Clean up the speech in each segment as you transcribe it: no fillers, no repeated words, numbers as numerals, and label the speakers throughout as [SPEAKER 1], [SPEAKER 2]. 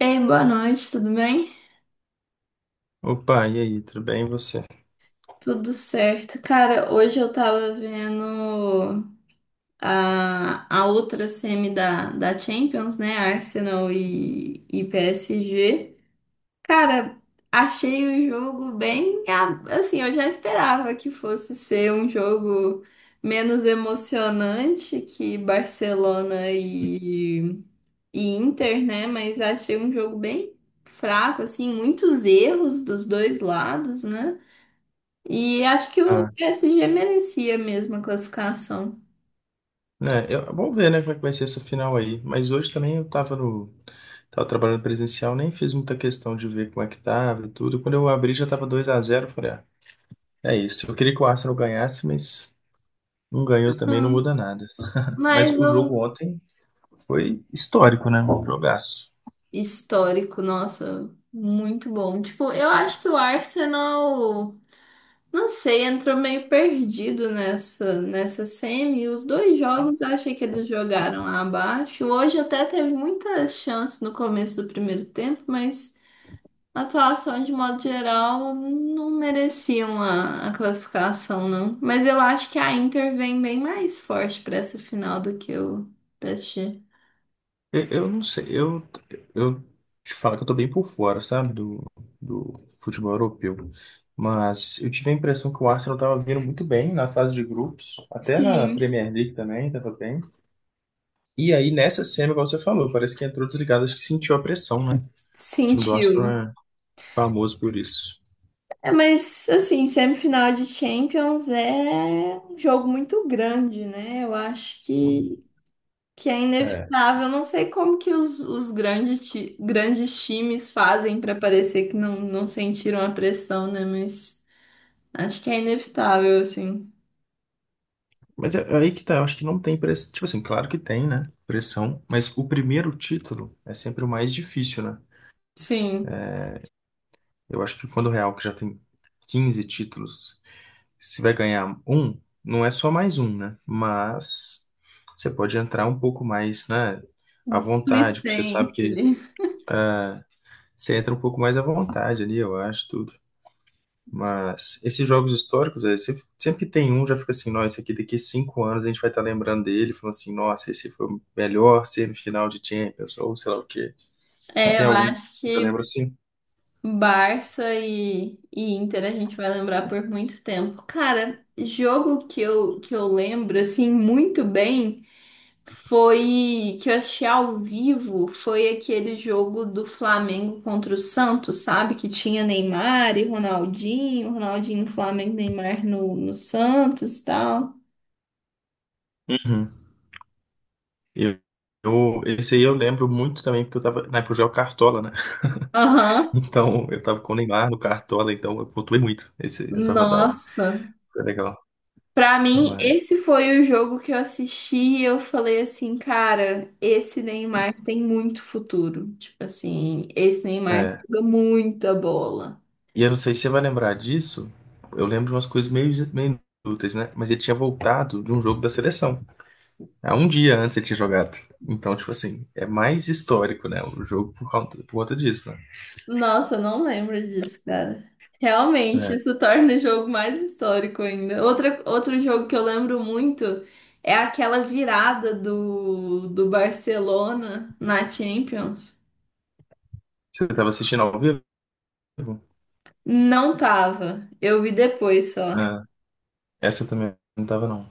[SPEAKER 1] Ei, boa noite, tudo bem?
[SPEAKER 2] Opa, e aí, tudo bem e você?
[SPEAKER 1] Tudo certo. Cara, hoje eu tava vendo a outra semi da Champions, né? Arsenal e PSG. Cara, achei o jogo bem. Assim, eu já esperava que fosse ser um jogo menos emocionante que Barcelona e Inter, né? Mas achei um jogo bem fraco, assim, muitos erros dos dois lados, né? E acho que o
[SPEAKER 2] Ah,
[SPEAKER 1] PSG merecia mesmo a classificação.
[SPEAKER 2] né, vamos ver, né, como é que vai ser essa final aí. Mas hoje também eu tava tava trabalhando presencial, nem fiz muita questão de ver como é que tava e tudo. Quando eu abri já tava 2-0, eu falei, ah, é isso. Eu queria que o Arsenal ganhasse, mas não ganhou também, não
[SPEAKER 1] Hum.
[SPEAKER 2] muda nada.
[SPEAKER 1] Mas
[SPEAKER 2] Mas o
[SPEAKER 1] o
[SPEAKER 2] jogo ontem foi histórico, né? Um jogaço.
[SPEAKER 1] histórico, nossa, muito bom. Tipo, eu acho que o Arsenal, não sei, entrou meio perdido nessa semi. Os dois jogos eu achei que eles jogaram abaixo. Hoje até teve muitas chances no começo do primeiro tempo, mas a atuação, de modo geral, não mereciam a classificação, não. Mas eu acho que a Inter vem bem mais forte para essa final do que o PSG.
[SPEAKER 2] Eu não sei, eu te falo que eu tô bem por fora, sabe, do futebol europeu. Mas eu tive a impressão que o Arsenal tava vindo muito bem na fase de grupos, até na
[SPEAKER 1] Sim,
[SPEAKER 2] Premier League também, tava bem. E aí nessa semi, igual você falou, parece que entrou desligado, acho que sentiu a pressão, né? O time do Arsenal
[SPEAKER 1] sentiu.
[SPEAKER 2] é famoso por isso.
[SPEAKER 1] É, mas, assim, semifinal de Champions é um jogo muito grande, né? Eu acho que é
[SPEAKER 2] É,
[SPEAKER 1] inevitável. Eu não sei como que os grandes, grandes times fazem para parecer que não, não sentiram a pressão, né? Mas acho que é inevitável, assim.
[SPEAKER 2] mas é aí que tá, eu acho que não tem pressão. Tipo assim, claro que tem, né? Pressão, mas o primeiro título é sempre o mais difícil, né?
[SPEAKER 1] Sim,
[SPEAKER 2] Eu acho que quando o Real, que já tem 15 títulos, se vai ganhar um, não é só mais um, né? Mas você pode entrar um pouco mais, né, à vontade, porque você sabe
[SPEAKER 1] Licem.
[SPEAKER 2] que
[SPEAKER 1] Ele.
[SPEAKER 2] você entra um pouco mais à vontade ali, eu acho, tudo. Mas esses jogos históricos, aí, você sempre tem um, já fica assim, nossa, esse aqui daqui a 5 anos a gente vai estar lembrando dele, falando assim, nossa, esse foi o melhor semifinal de Champions, ou sei lá o quê.
[SPEAKER 1] É,
[SPEAKER 2] Tem
[SPEAKER 1] eu
[SPEAKER 2] algum que
[SPEAKER 1] acho
[SPEAKER 2] você
[SPEAKER 1] que
[SPEAKER 2] lembra assim?
[SPEAKER 1] Barça e Inter a gente vai lembrar por muito tempo. Cara, jogo que eu lembro assim muito bem foi que eu assisti ao vivo, foi aquele jogo do Flamengo contra o Santos, sabe? Que tinha Neymar e Ronaldinho, Ronaldinho no Flamengo, Neymar no Santos e tal.
[SPEAKER 2] Eu, esse aí eu lembro muito também, porque eu tava, na época eu jogava Cartola, né?
[SPEAKER 1] Aham.
[SPEAKER 2] Então, eu tava com o Neymar no Cartola, então eu pontuei muito essa rodada.
[SPEAKER 1] Nossa.
[SPEAKER 2] Foi legal.
[SPEAKER 1] Pra mim,
[SPEAKER 2] Mas,
[SPEAKER 1] esse foi o jogo que eu assisti e eu falei assim, cara, esse Neymar tem muito futuro. Tipo assim, esse Neymar
[SPEAKER 2] é.
[SPEAKER 1] joga muita bola.
[SPEAKER 2] E eu não sei se você vai lembrar disso, eu lembro de umas coisas meio inúteis, né? Mas ele tinha voltado de um jogo da seleção. Há um dia antes ele tinha jogado. Então, tipo assim, é mais histórico, né? O jogo por conta disso, né?
[SPEAKER 1] Nossa, eu não lembro disso, cara. Realmente,
[SPEAKER 2] É.
[SPEAKER 1] isso torna o jogo mais histórico ainda. Outra, outro jogo que eu lembro muito é aquela virada do Barcelona na Champions.
[SPEAKER 2] Você tava assistindo ao vivo?
[SPEAKER 1] Não tava. Eu vi depois só.
[SPEAKER 2] Ah. Essa também não tava, não.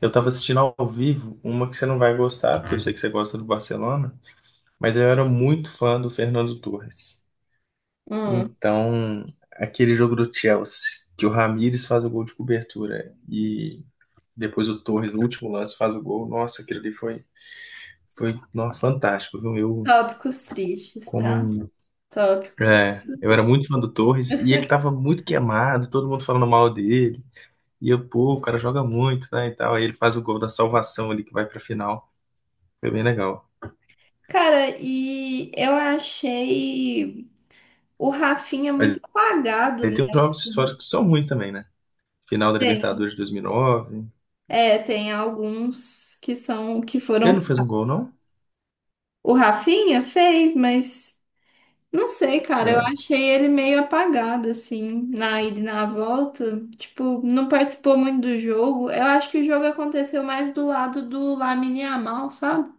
[SPEAKER 2] Eu tava assistindo ao vivo uma que você não vai gostar, porque eu sei que você gosta do Barcelona, mas eu era muito fã do Fernando Torres.
[SPEAKER 1] Hum,
[SPEAKER 2] Então, aquele jogo do Chelsea, que o Ramires faz o gol de cobertura e depois o Torres, no último lance, faz o gol. Nossa, aquilo ali foi, foi não, fantástico, viu? Eu,
[SPEAKER 1] tópicos tristes,
[SPEAKER 2] como,
[SPEAKER 1] tá?
[SPEAKER 2] um,
[SPEAKER 1] Tópicos
[SPEAKER 2] é,
[SPEAKER 1] muito
[SPEAKER 2] eu era muito
[SPEAKER 1] tristes.
[SPEAKER 2] fã do Torres e ele tava muito queimado, todo mundo falando mal dele. E eu, pô, o cara joga muito, né, e tal. Aí ele faz o gol da salvação ali que vai pra final. Foi bem legal.
[SPEAKER 1] Cara, e eu achei o Rafinha muito
[SPEAKER 2] Mas
[SPEAKER 1] apagado
[SPEAKER 2] aí tem os
[SPEAKER 1] nessa.
[SPEAKER 2] jogos históricos que são ruins também, né? Final da
[SPEAKER 1] Tem,
[SPEAKER 2] Libertadores de 2009.
[SPEAKER 1] é, tem alguns que são que
[SPEAKER 2] Ele
[SPEAKER 1] foram
[SPEAKER 2] não fez um gol,
[SPEAKER 1] fracos.
[SPEAKER 2] não?
[SPEAKER 1] O Rafinha fez, mas não sei, cara, eu
[SPEAKER 2] É.
[SPEAKER 1] achei ele meio apagado assim, na ida e na volta, tipo, não participou muito do jogo. Eu acho que o jogo aconteceu mais do lado do Lamine Yamal, sabe?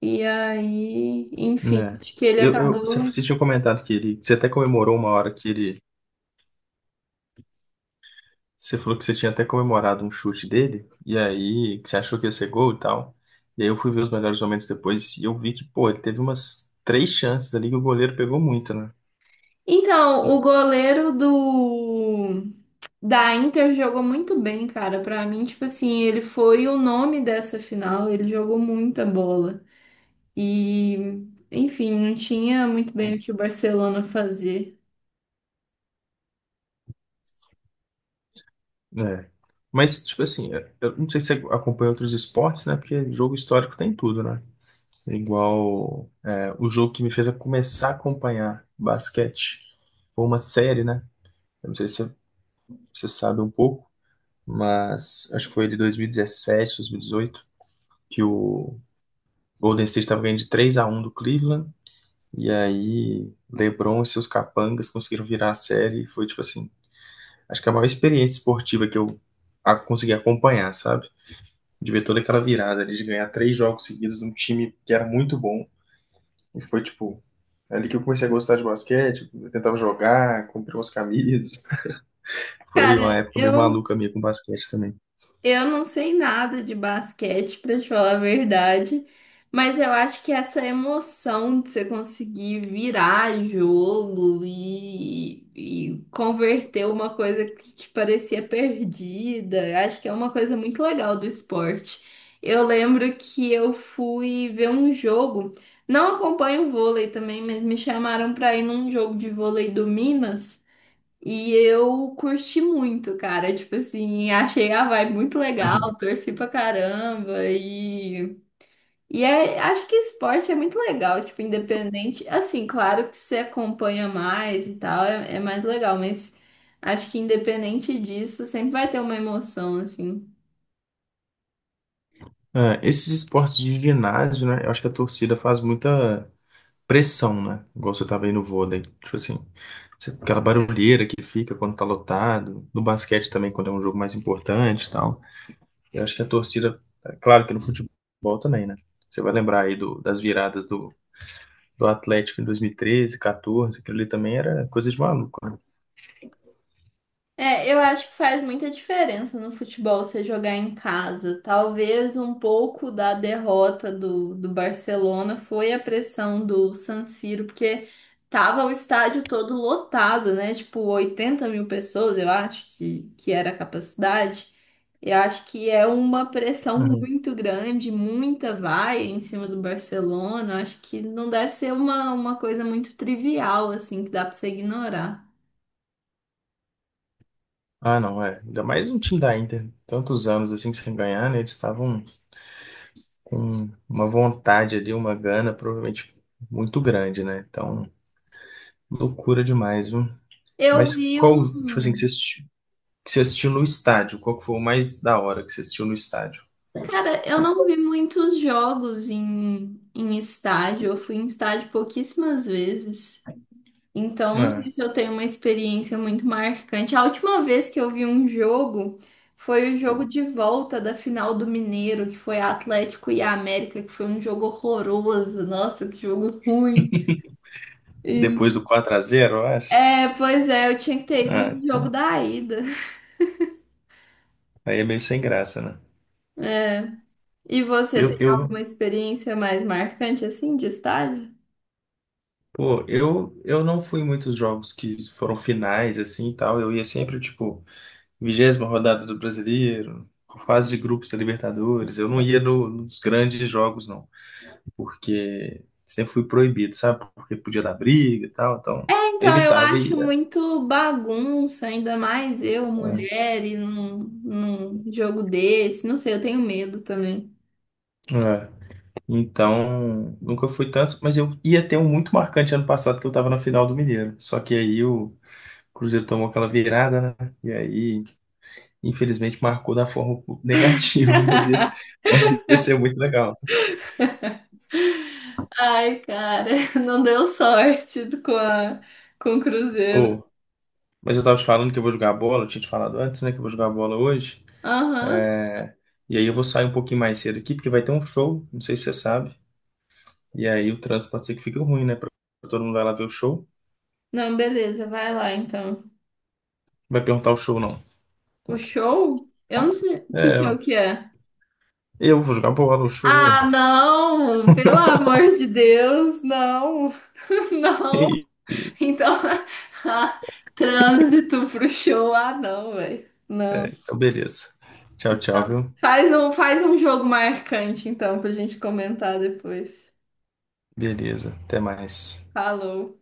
[SPEAKER 1] E aí, enfim,
[SPEAKER 2] É.
[SPEAKER 1] acho que ele acabou.
[SPEAKER 2] Você tinha comentado que ele, que você até comemorou uma hora que ele, você falou que você tinha até comemorado um chute dele, e aí que você achou que ia ser gol e tal. E aí eu fui ver os melhores momentos depois e eu vi que, pô, ele teve umas três chances ali que o goleiro pegou muito, né?
[SPEAKER 1] Então, o goleiro do da Inter jogou muito bem, cara. Pra mim, tipo assim, ele foi o nome dessa final, ele jogou muita bola. E, enfim, não tinha muito bem o que o Barcelona fazer.
[SPEAKER 2] É. Mas, tipo assim, eu não sei se você acompanha outros esportes, né? Porque jogo histórico tem tudo, né? Igual é, o jogo que me fez a começar a acompanhar basquete foi uma série, né? Eu não sei se você sabe um pouco, mas acho que foi de 2017, 2018, que o Golden State estava ganhando de 3 a um do Cleveland, e aí LeBron e seus capangas conseguiram virar a série, e foi tipo assim, acho que é a maior experiência esportiva que consegui acompanhar, sabe? De ver toda aquela virada ali, de ganhar três jogos seguidos de um time que era muito bom. E foi, tipo, ali que eu comecei a gostar de basquete. Eu tentava jogar, comprei umas camisas. Foi uma
[SPEAKER 1] Cara,
[SPEAKER 2] época meio
[SPEAKER 1] eu
[SPEAKER 2] maluca minha com basquete também.
[SPEAKER 1] Eu não sei nada de basquete, pra te falar a verdade, mas eu acho que essa emoção de você conseguir virar jogo e converter uma coisa que parecia perdida, eu acho que é uma coisa muito legal do esporte. Eu lembro que eu fui ver um jogo, não acompanho o vôlei também, mas me chamaram para ir num jogo de vôlei do Minas. E eu curti muito, cara. Tipo assim, achei a vibe muito legal, torci pra caramba. E, acho que esporte é muito legal, tipo, independente. Assim, claro que você acompanha mais e tal, é, é mais legal, mas acho que independente disso, sempre vai ter uma emoção, assim.
[SPEAKER 2] Ah, esses esportes de ginásio, né? Eu acho que a torcida faz muita pressão, né? Igual você tava aí no vôlei. Tipo assim, aquela barulheira que fica quando tá lotado. No basquete também, quando é um jogo mais importante e tal. Eu acho que a torcida, é claro que no futebol também, né? Você vai lembrar aí das viradas do Atlético em 2013, 14, aquilo ali também era coisa de maluco,
[SPEAKER 1] É, eu acho que faz muita diferença no futebol você jogar em casa. Talvez um pouco da derrota do Barcelona foi a pressão do San Siro, porque tava o estádio todo lotado, né? Tipo, 80 mil pessoas, eu acho que era a capacidade. Eu acho que é uma pressão
[SPEAKER 2] né?
[SPEAKER 1] muito grande, muita vai em cima do Barcelona. Eu acho que não deve ser uma coisa muito trivial, assim, que dá pra você ignorar.
[SPEAKER 2] Ah, não, é. Ainda mais um time da Inter. Tantos anos assim sem ganhar, né? Eles estavam com uma vontade ali, uma gana, provavelmente muito grande, né? Então, loucura demais, viu?
[SPEAKER 1] Eu
[SPEAKER 2] Mas
[SPEAKER 1] vi
[SPEAKER 2] qual, tipo assim,
[SPEAKER 1] um.
[SPEAKER 2] que você assistiu, no estádio? Qual que foi o mais da hora que você assistiu no estádio?
[SPEAKER 1] Cara, eu não vi muitos jogos em, em estádio. Eu fui em estádio pouquíssimas vezes. Então, não
[SPEAKER 2] Ah,
[SPEAKER 1] sei se eu tenho uma experiência muito marcante. A última vez que eu vi um jogo foi o jogo de volta da final do Mineiro, que foi Atlético e América, que foi um jogo horroroso. Nossa, que jogo ruim. E-
[SPEAKER 2] depois do 4-0, eu acho.
[SPEAKER 1] é, pois é, eu tinha que ter ido
[SPEAKER 2] Ah,
[SPEAKER 1] no jogo
[SPEAKER 2] então,
[SPEAKER 1] da ida.
[SPEAKER 2] aí é meio sem graça, né?
[SPEAKER 1] E você
[SPEAKER 2] Eu,
[SPEAKER 1] tem
[SPEAKER 2] eu,
[SPEAKER 1] alguma experiência mais marcante assim de estádio?
[SPEAKER 2] pô, eu não fui em muitos jogos que foram finais, assim e tal. Eu ia sempre, tipo. 20ª rodada do Brasileiro, fase de grupos da Libertadores. Eu não ia nos grandes jogos, não, porque sempre fui proibido, sabe? Porque podia dar briga e tal, então
[SPEAKER 1] Então, eu
[SPEAKER 2] evitava e
[SPEAKER 1] acho
[SPEAKER 2] ia.
[SPEAKER 1] muito bagunça, ainda mais eu, mulher, e num, num jogo desse. Não sei, eu tenho medo também.
[SPEAKER 2] É. É. Então, nunca fui tanto, mas eu ia ter um muito marcante ano passado que eu tava na final do Mineiro. Só que aí o Cruzeiro tomou aquela virada, né? E aí, infelizmente, marcou da forma negativa, mas ia ser muito legal.
[SPEAKER 1] Ai, cara, não deu sorte com a, com o Cruzeiro.
[SPEAKER 2] Mas eu tava te falando que eu vou jogar bola, eu tinha te falado antes, né, que eu vou jogar bola hoje.
[SPEAKER 1] Aham.
[SPEAKER 2] É, e aí eu vou sair um pouquinho mais cedo aqui, porque vai ter um show, não sei se você sabe. E aí o trânsito pode ser que fique ruim, né? Pra todo mundo vai lá ver o show.
[SPEAKER 1] Não, beleza, vai lá então.
[SPEAKER 2] Vai perguntar o show, não.
[SPEAKER 1] O show? Eu não sei que
[SPEAKER 2] É,
[SPEAKER 1] show que é.
[SPEAKER 2] eu vou jogar bola, o show.
[SPEAKER 1] Ah, não! Pelo amor de Deus, não! Não! Então, ah, trânsito pro show, ah, não, velho.
[SPEAKER 2] É,
[SPEAKER 1] Não.
[SPEAKER 2] então beleza. Tchau, tchau, viu?
[SPEAKER 1] Faz um jogo marcante, então, pra gente comentar depois.
[SPEAKER 2] Beleza, até mais.
[SPEAKER 1] Falou.